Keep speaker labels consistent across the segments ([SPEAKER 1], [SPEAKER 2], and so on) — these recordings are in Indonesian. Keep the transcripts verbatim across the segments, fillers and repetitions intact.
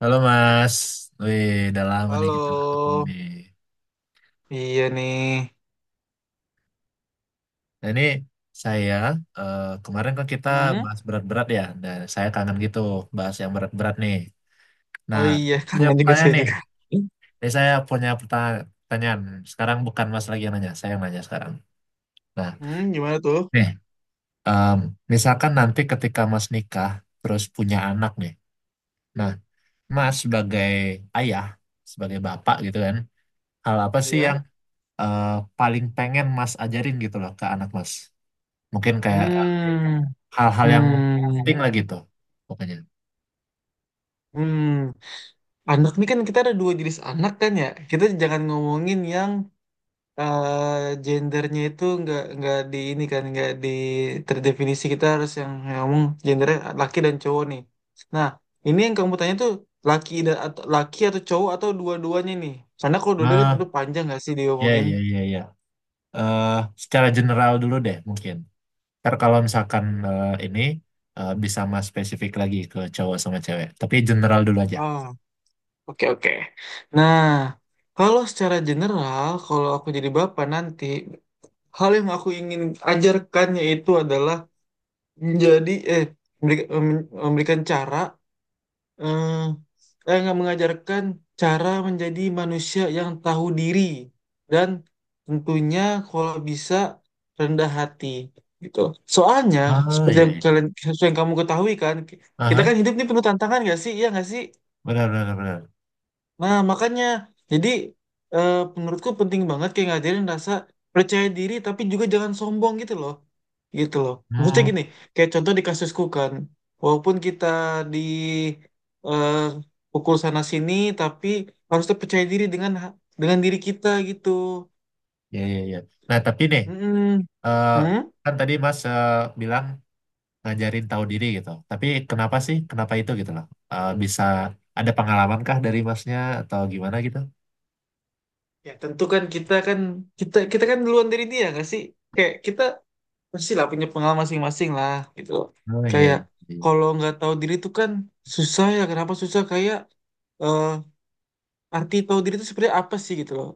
[SPEAKER 1] Halo Mas, wih udah lama nih kita nggak ketemu
[SPEAKER 2] Halo,
[SPEAKER 1] nih.
[SPEAKER 2] iya nih.
[SPEAKER 1] Nah ini saya eh, kemarin kan kita
[SPEAKER 2] Hmm.
[SPEAKER 1] bahas berat-berat ya, dan saya kangen gitu bahas yang berat-berat nih. Nah
[SPEAKER 2] Oh iya,
[SPEAKER 1] saya punya
[SPEAKER 2] kangen juga
[SPEAKER 1] pertanyaan
[SPEAKER 2] saya
[SPEAKER 1] nih,
[SPEAKER 2] juga.
[SPEAKER 1] ini saya punya perta- pertanyaan. Sekarang bukan Mas lagi yang nanya, saya yang nanya sekarang. Nah
[SPEAKER 2] Hmm, gimana tuh?
[SPEAKER 1] nih, em, misalkan nanti ketika Mas nikah terus punya anak nih, nah Mas sebagai ayah, sebagai bapak gitu kan, hal apa sih yang
[SPEAKER 2] Iya.
[SPEAKER 1] eh, paling pengen Mas ajarin gitu loh ke anak Mas? Mungkin kayak
[SPEAKER 2] Hmm,
[SPEAKER 1] hal-hal yang ya,
[SPEAKER 2] hmm,
[SPEAKER 1] penting lah gitu, pokoknya.
[SPEAKER 2] hmm. Anak nih kan kita ada dua jenis anak kan ya. Kita jangan ngomongin yang eh, gendernya itu nggak nggak di ini kan nggak di terdefinisi. Kita harus yang yang ngomong gendernya laki dan cowok nih. Nah, ini yang kamu tanya tuh laki dan atau laki atau cowok atau dua-duanya nih. Karena kalau dua-duanya kan
[SPEAKER 1] Nah,
[SPEAKER 2] tentu panjang nggak sih
[SPEAKER 1] ya,
[SPEAKER 2] diomongin.
[SPEAKER 1] ya, ya, ya. Eh, secara general dulu deh, mungkin. Ntar kalau misalkan eh, ini eh, bisa mas spesifik lagi ke cowok sama cewek. Tapi general dulu aja.
[SPEAKER 2] Oh, oke, oke. Nah, kalau secara general, kalau aku jadi bapak nanti, hal yang aku ingin ajarkan yaitu adalah menjadi eh memberi- mem- memberikan cara eh eh, nggak mengajarkan cara menjadi manusia yang tahu diri dan tentunya kalau bisa rendah hati gitu. Soalnya
[SPEAKER 1] Ah,
[SPEAKER 2] seperti
[SPEAKER 1] ya,
[SPEAKER 2] yang
[SPEAKER 1] ya.
[SPEAKER 2] kalian seperti yang kamu ketahui kan, kita
[SPEAKER 1] Aha,
[SPEAKER 2] kan hidup ini penuh tantangan nggak sih? Iya nggak sih?
[SPEAKER 1] benar, benar, benar.
[SPEAKER 2] Nah, makanya jadi, eh, menurutku penting banget kayak ngajarin rasa percaya diri tapi juga jangan sombong gitu loh. Gitu loh. Maksudnya
[SPEAKER 1] Hmm,
[SPEAKER 2] gini, kayak contoh di kasusku kan, walaupun kita di eh, pukul sana sini tapi harus tetap percaya diri dengan ha- dengan diri kita gitu.
[SPEAKER 1] ya, ya, ya. Nah, tapi nih,
[SPEAKER 2] Mm-mm.
[SPEAKER 1] eh,
[SPEAKER 2] Hmm?
[SPEAKER 1] kan tadi mas eh, bilang ngajarin tahu diri gitu. Tapi kenapa sih? Kenapa itu gitu loh? Eh, bisa ada pengalaman kah dari masnya atau gimana gitu?
[SPEAKER 2] Ya tentu kan kita kan kita kita kan duluan dari dia nggak sih? Kayak kita pasti lah punya pengalaman masing-masing lah gitu loh.
[SPEAKER 1] Oh iya,
[SPEAKER 2] Kayak
[SPEAKER 1] iya, iya.
[SPEAKER 2] kalau nggak tahu diri tuh kan susah ya. Kenapa susah? Kayak, eh, arti tahu diri itu sebenarnya apa sih gitu loh.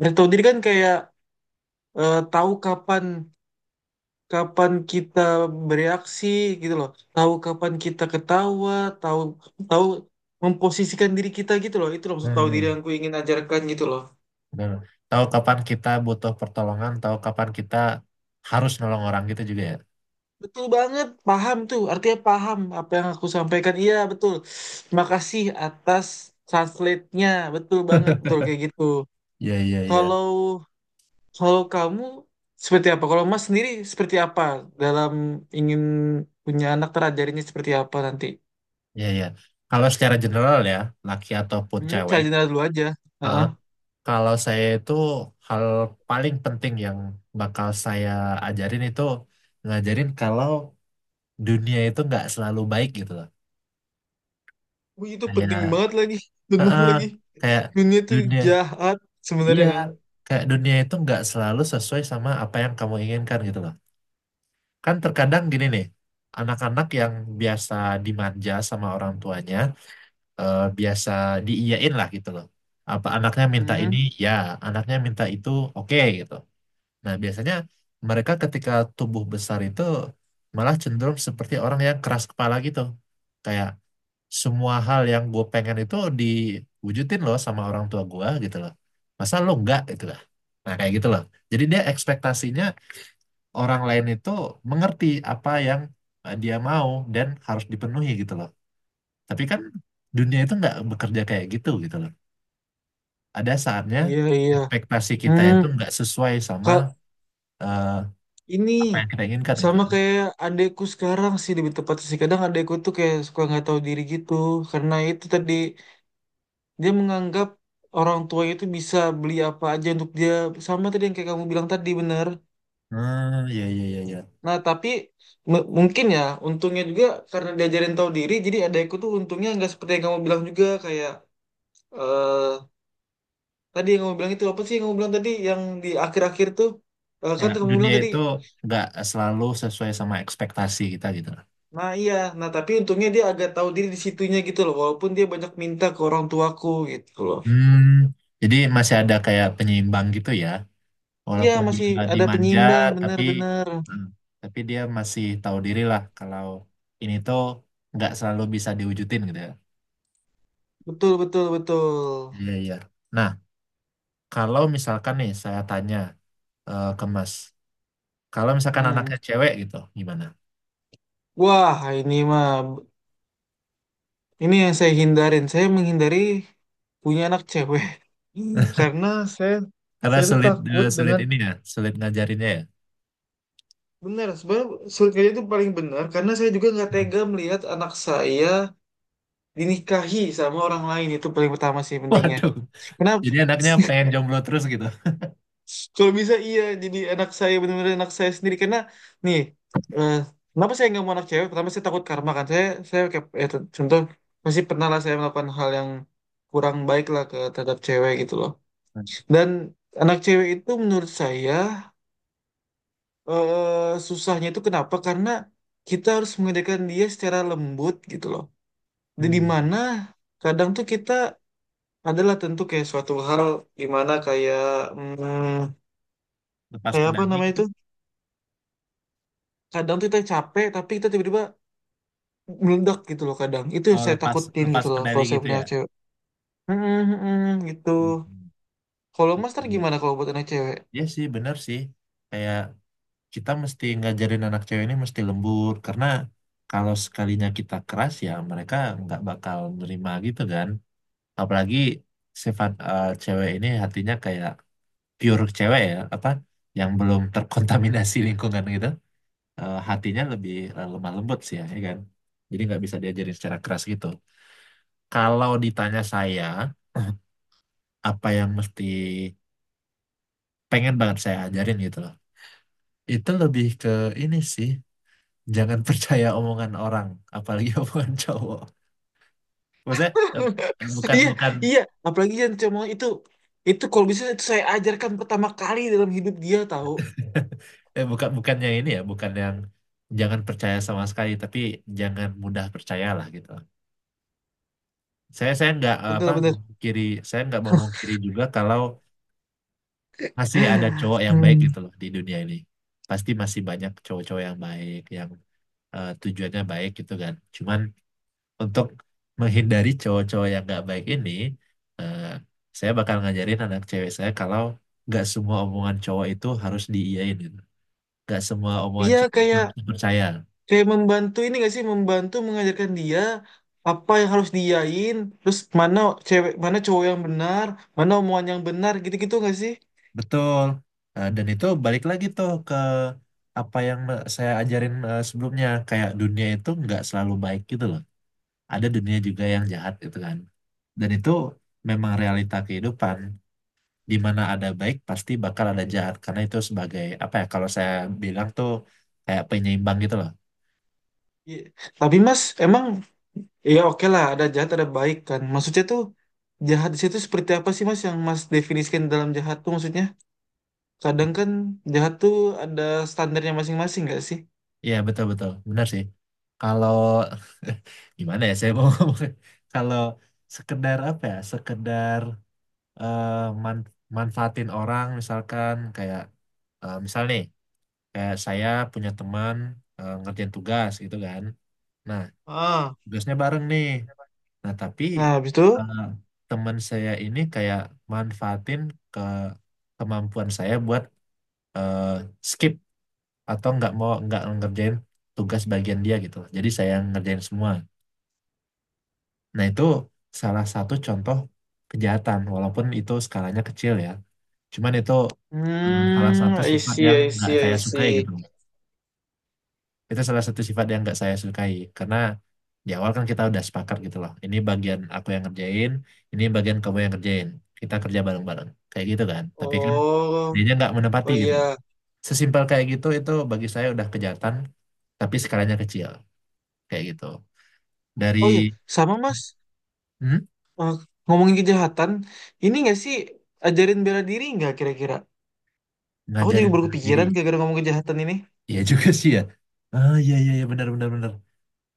[SPEAKER 2] Arti tahu diri kan kayak, eh, tahu kapan kapan kita bereaksi gitu loh. Tahu kapan kita ketawa, tahu tahu memposisikan diri kita gitu loh. Itu loh maksud tahu diri
[SPEAKER 1] Hmm,
[SPEAKER 2] yang ku ingin ajarkan gitu loh.
[SPEAKER 1] benar. Tahu kapan kita butuh pertolongan, tahu kapan kita harus nolong orang gitu juga ya.
[SPEAKER 2] Betul banget, paham tuh. Artinya paham apa yang aku sampaikan. Iya, betul. Terima kasih atas translate-nya. Betul banget, betul kayak gitu.
[SPEAKER 1] Iya, iya, iya.
[SPEAKER 2] Kalau kalau kamu seperti apa? Kalau Mas sendiri seperti apa dalam ingin punya anak terajarinya seperti apa nanti?
[SPEAKER 1] Iya, iya. Kalau secara general ya, laki ataupun
[SPEAKER 2] Hmm, saya
[SPEAKER 1] cewek,
[SPEAKER 2] general dulu aja.
[SPEAKER 1] eh,
[SPEAKER 2] Heeh.
[SPEAKER 1] kalau saya itu hal paling penting yang bakal saya ajarin itu ngajarin kalau dunia itu nggak selalu baik gitu loh.
[SPEAKER 2] Wih, itu penting
[SPEAKER 1] Kayak,
[SPEAKER 2] banget lagi.
[SPEAKER 1] eh,
[SPEAKER 2] Benar
[SPEAKER 1] eh,
[SPEAKER 2] lagi.
[SPEAKER 1] kayak
[SPEAKER 2] Dunia itu
[SPEAKER 1] dunia,
[SPEAKER 2] jahat
[SPEAKER 1] iya,
[SPEAKER 2] sebenarnya kan.
[SPEAKER 1] kayak dunia itu nggak selalu sesuai sama apa yang kamu inginkan gitu loh. Kan terkadang gini nih, anak-anak yang biasa dimanja sama orang tuanya, eh, biasa diiyain lah gitu loh. Apa anaknya minta ini,
[SPEAKER 2] Hmm,
[SPEAKER 1] ya. Anaknya minta itu, oke gitu. Nah, biasanya mereka ketika tumbuh besar itu malah cenderung seperti orang yang keras kepala gitu. Kayak semua hal yang gue pengen itu diwujudin loh sama orang tua gue gitu loh. Masa lo enggak gitu lah. Nah, kayak gitu loh. Jadi dia ekspektasinya orang lain itu mengerti apa yang eh, dia mau dan harus dipenuhi gitu loh. Tapi kan dunia itu nggak bekerja kayak gitu gitu loh. Ada saatnya
[SPEAKER 2] iya, iya.
[SPEAKER 1] ekspektasi kita
[SPEAKER 2] Hmm.
[SPEAKER 1] itu nggak sesuai sama
[SPEAKER 2] Ka-
[SPEAKER 1] eh,
[SPEAKER 2] Ini
[SPEAKER 1] apa yang kita inginkan gitu
[SPEAKER 2] sama
[SPEAKER 1] kan.
[SPEAKER 2] kayak adekku sekarang sih lebih tepatnya sih. Kadang adekku tuh kayak suka nggak tahu diri gitu. Karena itu tadi dia menganggap orang tuanya itu bisa beli apa aja untuk dia. Sama tadi yang kayak kamu bilang tadi bener.
[SPEAKER 1] Hmm, ya, ya, ya, ya.
[SPEAKER 2] Nah tapi m- mungkin ya untungnya juga karena diajarin tahu diri. Jadi adekku tuh untungnya nggak seperti yang kamu bilang juga kayak eh tadi yang kamu bilang itu apa sih yang kamu bilang tadi yang di akhir-akhir tuh. Eh,
[SPEAKER 1] Ya,
[SPEAKER 2] kan kamu
[SPEAKER 1] dunia
[SPEAKER 2] bilang tadi.
[SPEAKER 1] itu nggak selalu sesuai sama ekspektasi kita gitu loh.
[SPEAKER 2] Nah iya, nah tapi untungnya dia agak tahu diri di situnya gitu loh, walaupun dia banyak minta ke orang tuaku gitu loh.
[SPEAKER 1] Hmm, jadi masih ada kayak penyeimbang gitu ya,
[SPEAKER 2] Iya,
[SPEAKER 1] walaupun
[SPEAKER 2] masih
[SPEAKER 1] dia
[SPEAKER 2] ada
[SPEAKER 1] dimanja,
[SPEAKER 2] penyimbang,
[SPEAKER 1] tapi
[SPEAKER 2] benar-benar,
[SPEAKER 1] hmm, tapi dia masih tahu diri lah kalau ini tuh nggak selalu bisa diwujudin gitu ya.
[SPEAKER 2] betul, betul, betul.
[SPEAKER 1] Iya, iya. Nah kalau misalkan nih saya tanya eh, ke Mas, kalau misalkan
[SPEAKER 2] Hmm.
[SPEAKER 1] anaknya cewek gitu gimana?
[SPEAKER 2] Wah ini mah, ini yang saya hindarin, saya menghindari punya anak cewek. Hmm, karena saya
[SPEAKER 1] Karena
[SPEAKER 2] saya tuh
[SPEAKER 1] sulit
[SPEAKER 2] takut
[SPEAKER 1] eh, sulit
[SPEAKER 2] dengan
[SPEAKER 1] ini ya, sulit ngajarinnya ya.
[SPEAKER 2] benar sebenarnya surat kerja itu paling benar karena saya juga nggak
[SPEAKER 1] Hmm.
[SPEAKER 2] tega melihat anak saya dinikahi sama orang lain itu paling pertama sih pentingnya.
[SPEAKER 1] Waduh,
[SPEAKER 2] Kenapa?
[SPEAKER 1] jadi anaknya pengen jomblo terus gitu.
[SPEAKER 2] Kalau bisa iya, jadi anak saya benar-benar anak saya sendiri karena nih, eh, kenapa saya nggak mau anak cewek? Pertama saya takut karma kan. Saya saya kayak ya, t- contoh masih pernah lah saya melakukan hal yang kurang baik lah ke terhadap cewek gitu loh. Dan anak cewek itu menurut saya, eh, susahnya itu kenapa? Karena kita harus mengedekan dia secara lembut gitu loh. Dan di
[SPEAKER 1] Hmm.
[SPEAKER 2] mana kadang tuh kita adalah tentu kayak suatu hal gimana kayak, hmm,
[SPEAKER 1] Lepas
[SPEAKER 2] kayak apa
[SPEAKER 1] kendali
[SPEAKER 2] namanya
[SPEAKER 1] gitu.
[SPEAKER 2] itu? Kadang tuh kita capek tapi kita tiba-tiba meledak gitu loh, kadang itu yang
[SPEAKER 1] Oh,
[SPEAKER 2] saya
[SPEAKER 1] lepas
[SPEAKER 2] takutin
[SPEAKER 1] lepas
[SPEAKER 2] gitu loh
[SPEAKER 1] kendali
[SPEAKER 2] kalau saya
[SPEAKER 1] gitu
[SPEAKER 2] punya
[SPEAKER 1] ya.
[SPEAKER 2] anak cewek. Mm-mm, mm-mm. Gitu.
[SPEAKER 1] Hmm.
[SPEAKER 2] Kalau mas ntar
[SPEAKER 1] Iya.
[SPEAKER 2] gimana kalau buat anak cewek?
[SPEAKER 1] Iya sih bener sih. Kayak kita mesti ngajarin anak cewek ini mesti lembur karena kalau sekalinya kita keras ya mereka nggak bakal nerima gitu kan, apalagi sifat eh, cewek ini hatinya kayak pure cewek, ya, apa yang belum terkontaminasi lingkungan gitu. Eh, hatinya lebih eh, lemah lembut sih ya, ya kan, jadi nggak bisa diajarin secara keras gitu. Kalau ditanya saya, apa yang mesti pengen banget saya ajarin gitu loh, itu lebih ke ini sih, jangan percaya omongan orang, apalagi omongan cowok. Maksudnya eh, eh, bukan
[SPEAKER 2] Iya,
[SPEAKER 1] bukan
[SPEAKER 2] iya. Apalagi yang cuma itu. Itu kalau bisa itu saya ajarkan pertama kali dalam hidup dia tahu.
[SPEAKER 1] eh, bukan bukannya ini ya, bukan yang jangan percaya sama sekali, tapi jangan mudah percayalah gitu. Saya saya nggak eh, apa
[SPEAKER 2] Betul-betul.
[SPEAKER 1] kiri, saya nggak mau kiri juga kalau masih ada cowok yang baik
[SPEAKER 2] Hmm.
[SPEAKER 1] gitu loh di dunia ini. Pasti masih banyak cowok-cowok yang baik, yang eh, tujuannya baik gitu kan. Cuman untuk menghindari cowok-cowok yang nggak baik ini, eh, saya bakal ngajarin anak cewek saya kalau nggak semua omongan cowok itu harus diiyain gitu. Nggak semua omongan
[SPEAKER 2] Iya,
[SPEAKER 1] cowok itu harus
[SPEAKER 2] kayak
[SPEAKER 1] dipercaya.
[SPEAKER 2] kayak membantu ini gak sih membantu mengajarkan dia apa yang harus diain terus mana cewek mana cowok yang benar mana omongan yang benar gitu-gitu gak sih?
[SPEAKER 1] Betul. Eh, dan itu balik lagi tuh ke apa yang me- saya ajarin eh, sebelumnya. Kayak dunia itu nggak selalu baik gitu loh. Ada dunia juga yang jahat gitu kan. Dan itu memang realita kehidupan, di mana ada baik pasti bakal ada jahat karena itu sebagai apa ya, kalau saya bilang tuh kayak penyeimbang gitu loh.
[SPEAKER 2] Iya. Tapi Mas, emang ya oke lah ada jahat ada baik kan. Maksudnya tuh jahat di situ seperti apa sih Mas yang Mas definisikan dalam jahat tuh maksudnya? Kadang kan jahat tuh ada standarnya masing-masing nggak sih?
[SPEAKER 1] Iya betul betul benar sih. Kalau gimana ya saya mau ngomong, kalau sekedar apa ya, sekedar eh, man- manfaatin orang misalkan kayak eh, misal nih kayak saya punya teman eh, ngerjain tugas gitu kan. Nah
[SPEAKER 2] Ah.
[SPEAKER 1] tugasnya bareng nih. Nah tapi
[SPEAKER 2] Nah, habis itu.
[SPEAKER 1] teman saya ini kayak manfaatin ke kemampuan saya buat eh, skip atau nggak mau nggak ngerjain tugas bagian dia gitu. Jadi saya yang ngerjain semua. Nah itu salah satu contoh kejahatan, walaupun itu skalanya kecil ya. Cuman itu eh, salah
[SPEAKER 2] Hmm,
[SPEAKER 1] satu
[SPEAKER 2] I
[SPEAKER 1] sifat
[SPEAKER 2] see,
[SPEAKER 1] yang
[SPEAKER 2] I
[SPEAKER 1] nggak
[SPEAKER 2] see, I
[SPEAKER 1] saya sukai
[SPEAKER 2] see.
[SPEAKER 1] gitu. Itu salah satu sifat yang nggak saya sukai karena di awal kan kita udah sepakat gitu loh. Ini bagian aku yang ngerjain, ini bagian kamu yang ngerjain. Kita kerja bareng-bareng. Kayak gitu kan. Tapi kan
[SPEAKER 2] Oh,
[SPEAKER 1] dianya nggak menepati
[SPEAKER 2] oh
[SPEAKER 1] gitu loh.
[SPEAKER 2] iya.
[SPEAKER 1] Sesimpel kayak gitu itu bagi saya udah kejahatan tapi skalanya kecil kayak gitu. Dari
[SPEAKER 2] Oh iya, sama Mas.
[SPEAKER 1] hmm?
[SPEAKER 2] Eh, ngomongin kejahatan, ini nggak sih ajarin bela diri nggak kira-kira? Aku jadi
[SPEAKER 1] Ngajarin
[SPEAKER 2] baru
[SPEAKER 1] diri,
[SPEAKER 2] kepikiran gara-gara ngomong kejahatan ini.
[SPEAKER 1] ya juga sih ya. Ah, iya iya iya, benar benar benar.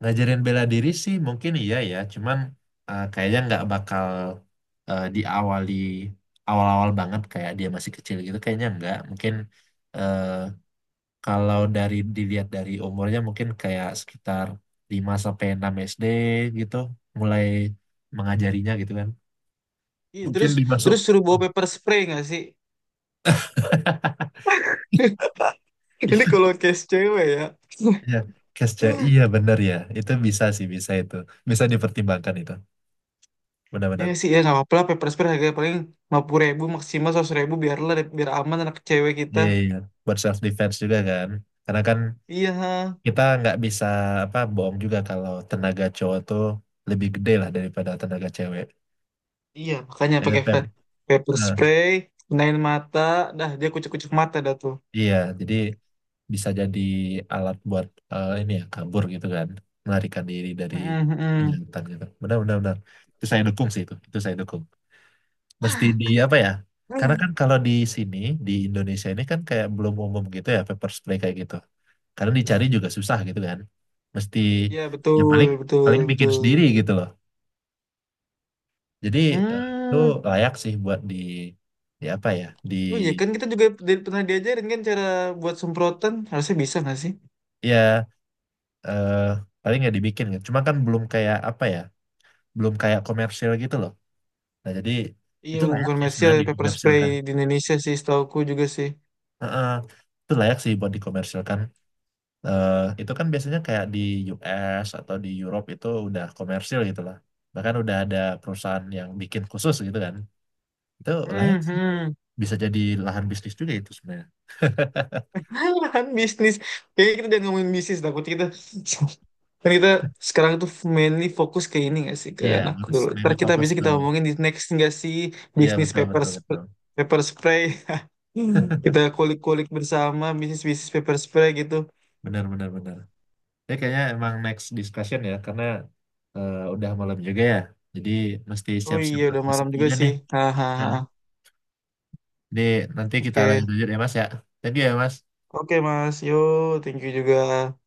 [SPEAKER 1] Ngajarin bela diri sih mungkin iya ya, cuman eh, kayaknya nggak bakal eh, diawali awal-awal banget kayak dia masih kecil gitu, kayaknya nggak. Mungkin eh, kalau dari dilihat dari umurnya mungkin kayak sekitar lima sampai enam S D gitu, mulai mengajarinya gitu kan.
[SPEAKER 2] Iya,
[SPEAKER 1] Mungkin
[SPEAKER 2] terus
[SPEAKER 1] dimasuk.
[SPEAKER 2] terus suruh bawa paper spray nggak sih? Ini
[SPEAKER 1] Iya,
[SPEAKER 2] kalau case cewek ya.
[SPEAKER 1] iya. Cash check, iya bener ya. Itu bisa sih, bisa itu. Bisa dipertimbangkan itu.
[SPEAKER 2] Ya
[SPEAKER 1] Benar-benar.
[SPEAKER 2] sih ya nggak apa-apa lah pepper spray harganya paling lima puluh ribu ribu maksimal seratus ribu ribu, biarlah biar aman anak cewek kita.
[SPEAKER 1] Iya, iya. Buat self defense juga kan. Karena kan
[SPEAKER 2] Iya, ha.
[SPEAKER 1] kita nggak bisa apa bohong juga kalau tenaga cowok tuh lebih gede lah daripada tenaga cewek.
[SPEAKER 2] Iya makanya
[SPEAKER 1] Eh,
[SPEAKER 2] pakai
[SPEAKER 1] pem,
[SPEAKER 2] pe- pepper
[SPEAKER 1] eh,
[SPEAKER 2] spray, kenain mata, dah dia kucek-kucek mata dah tuh.
[SPEAKER 1] iya, jadi bisa jadi alat buat eh, ini ya kabur gitu kan, melarikan diri dari
[SPEAKER 2] Mm-mm, mm-mm.
[SPEAKER 1] kejahatan gitu. Benar-benar benar, benar. Itu saya dukung sih itu, itu saya dukung. Mesti di apa ya? Karena kan kalau di sini di Indonesia ini kan kayak belum umum gitu ya pepper spray kayak gitu. Karena dicari juga susah gitu kan. Mesti
[SPEAKER 2] Iya,
[SPEAKER 1] ya
[SPEAKER 2] betul,
[SPEAKER 1] paling
[SPEAKER 2] betul,
[SPEAKER 1] paling bikin
[SPEAKER 2] betul.
[SPEAKER 1] sendiri gitu loh. Jadi eh, itu
[SPEAKER 2] Hmm,
[SPEAKER 1] layak sih buat di di apa ya? Di
[SPEAKER 2] oh iya, kan kita juga di- pernah diajarin kan cara buat semprotan, harusnya bisa nggak sih?
[SPEAKER 1] ya eh paling nggak dibikin gitu. Cuma kan belum kayak apa ya? Belum kayak komersil gitu loh. Nah, jadi
[SPEAKER 2] Iya,
[SPEAKER 1] itu layak
[SPEAKER 2] bukan
[SPEAKER 1] sih
[SPEAKER 2] Messi ada
[SPEAKER 1] sebenarnya
[SPEAKER 2] pepper spray
[SPEAKER 1] dikomersilkan.
[SPEAKER 2] di Indonesia sih, setauku juga sih.
[SPEAKER 1] Heeh, itu layak sih buat dikomersilkan. Eh itu kan biasanya kayak di U S atau di Europe itu udah komersil gitu lah. Bahkan udah ada perusahaan yang bikin khusus gitu kan. Itu layak sih.
[SPEAKER 2] Hmm,
[SPEAKER 1] Bisa jadi lahan bisnis juga itu sebenarnya.
[SPEAKER 2] kan bisnis. Kayaknya kita jangan ngomongin bisnis, takut kita. Kan kita sekarang tuh mainly fokus ke ini gak sih, ke
[SPEAKER 1] Iya,
[SPEAKER 2] anak
[SPEAKER 1] harus
[SPEAKER 2] dulu. Ntar
[SPEAKER 1] mainly
[SPEAKER 2] kita
[SPEAKER 1] fokus
[SPEAKER 2] bisa
[SPEAKER 1] ke
[SPEAKER 2] kita ngomongin di next nggak sih,
[SPEAKER 1] iya
[SPEAKER 2] bisnis
[SPEAKER 1] betul
[SPEAKER 2] paper
[SPEAKER 1] betul
[SPEAKER 2] sp-
[SPEAKER 1] betul.
[SPEAKER 2] paper spray. Hmm. Kita kulik-kulik bersama bisnis-bisnis paper spray gitu.
[SPEAKER 1] Benar benar benar. Ya kayaknya emang next discussion ya karena eh, udah malam juga ya. Jadi mesti
[SPEAKER 2] Oh
[SPEAKER 1] siap-siap
[SPEAKER 2] iya,
[SPEAKER 1] buat
[SPEAKER 2] udah
[SPEAKER 1] besok
[SPEAKER 2] malam juga
[SPEAKER 1] juga
[SPEAKER 2] sih.
[SPEAKER 1] nih.
[SPEAKER 2] Hahaha.
[SPEAKER 1] Nah, jadi nanti kita
[SPEAKER 2] Oke.
[SPEAKER 1] lanjut-lanjut ya Mas ya. Thank you ya Mas.
[SPEAKER 2] Oke, Mas. Yo, thank you juga.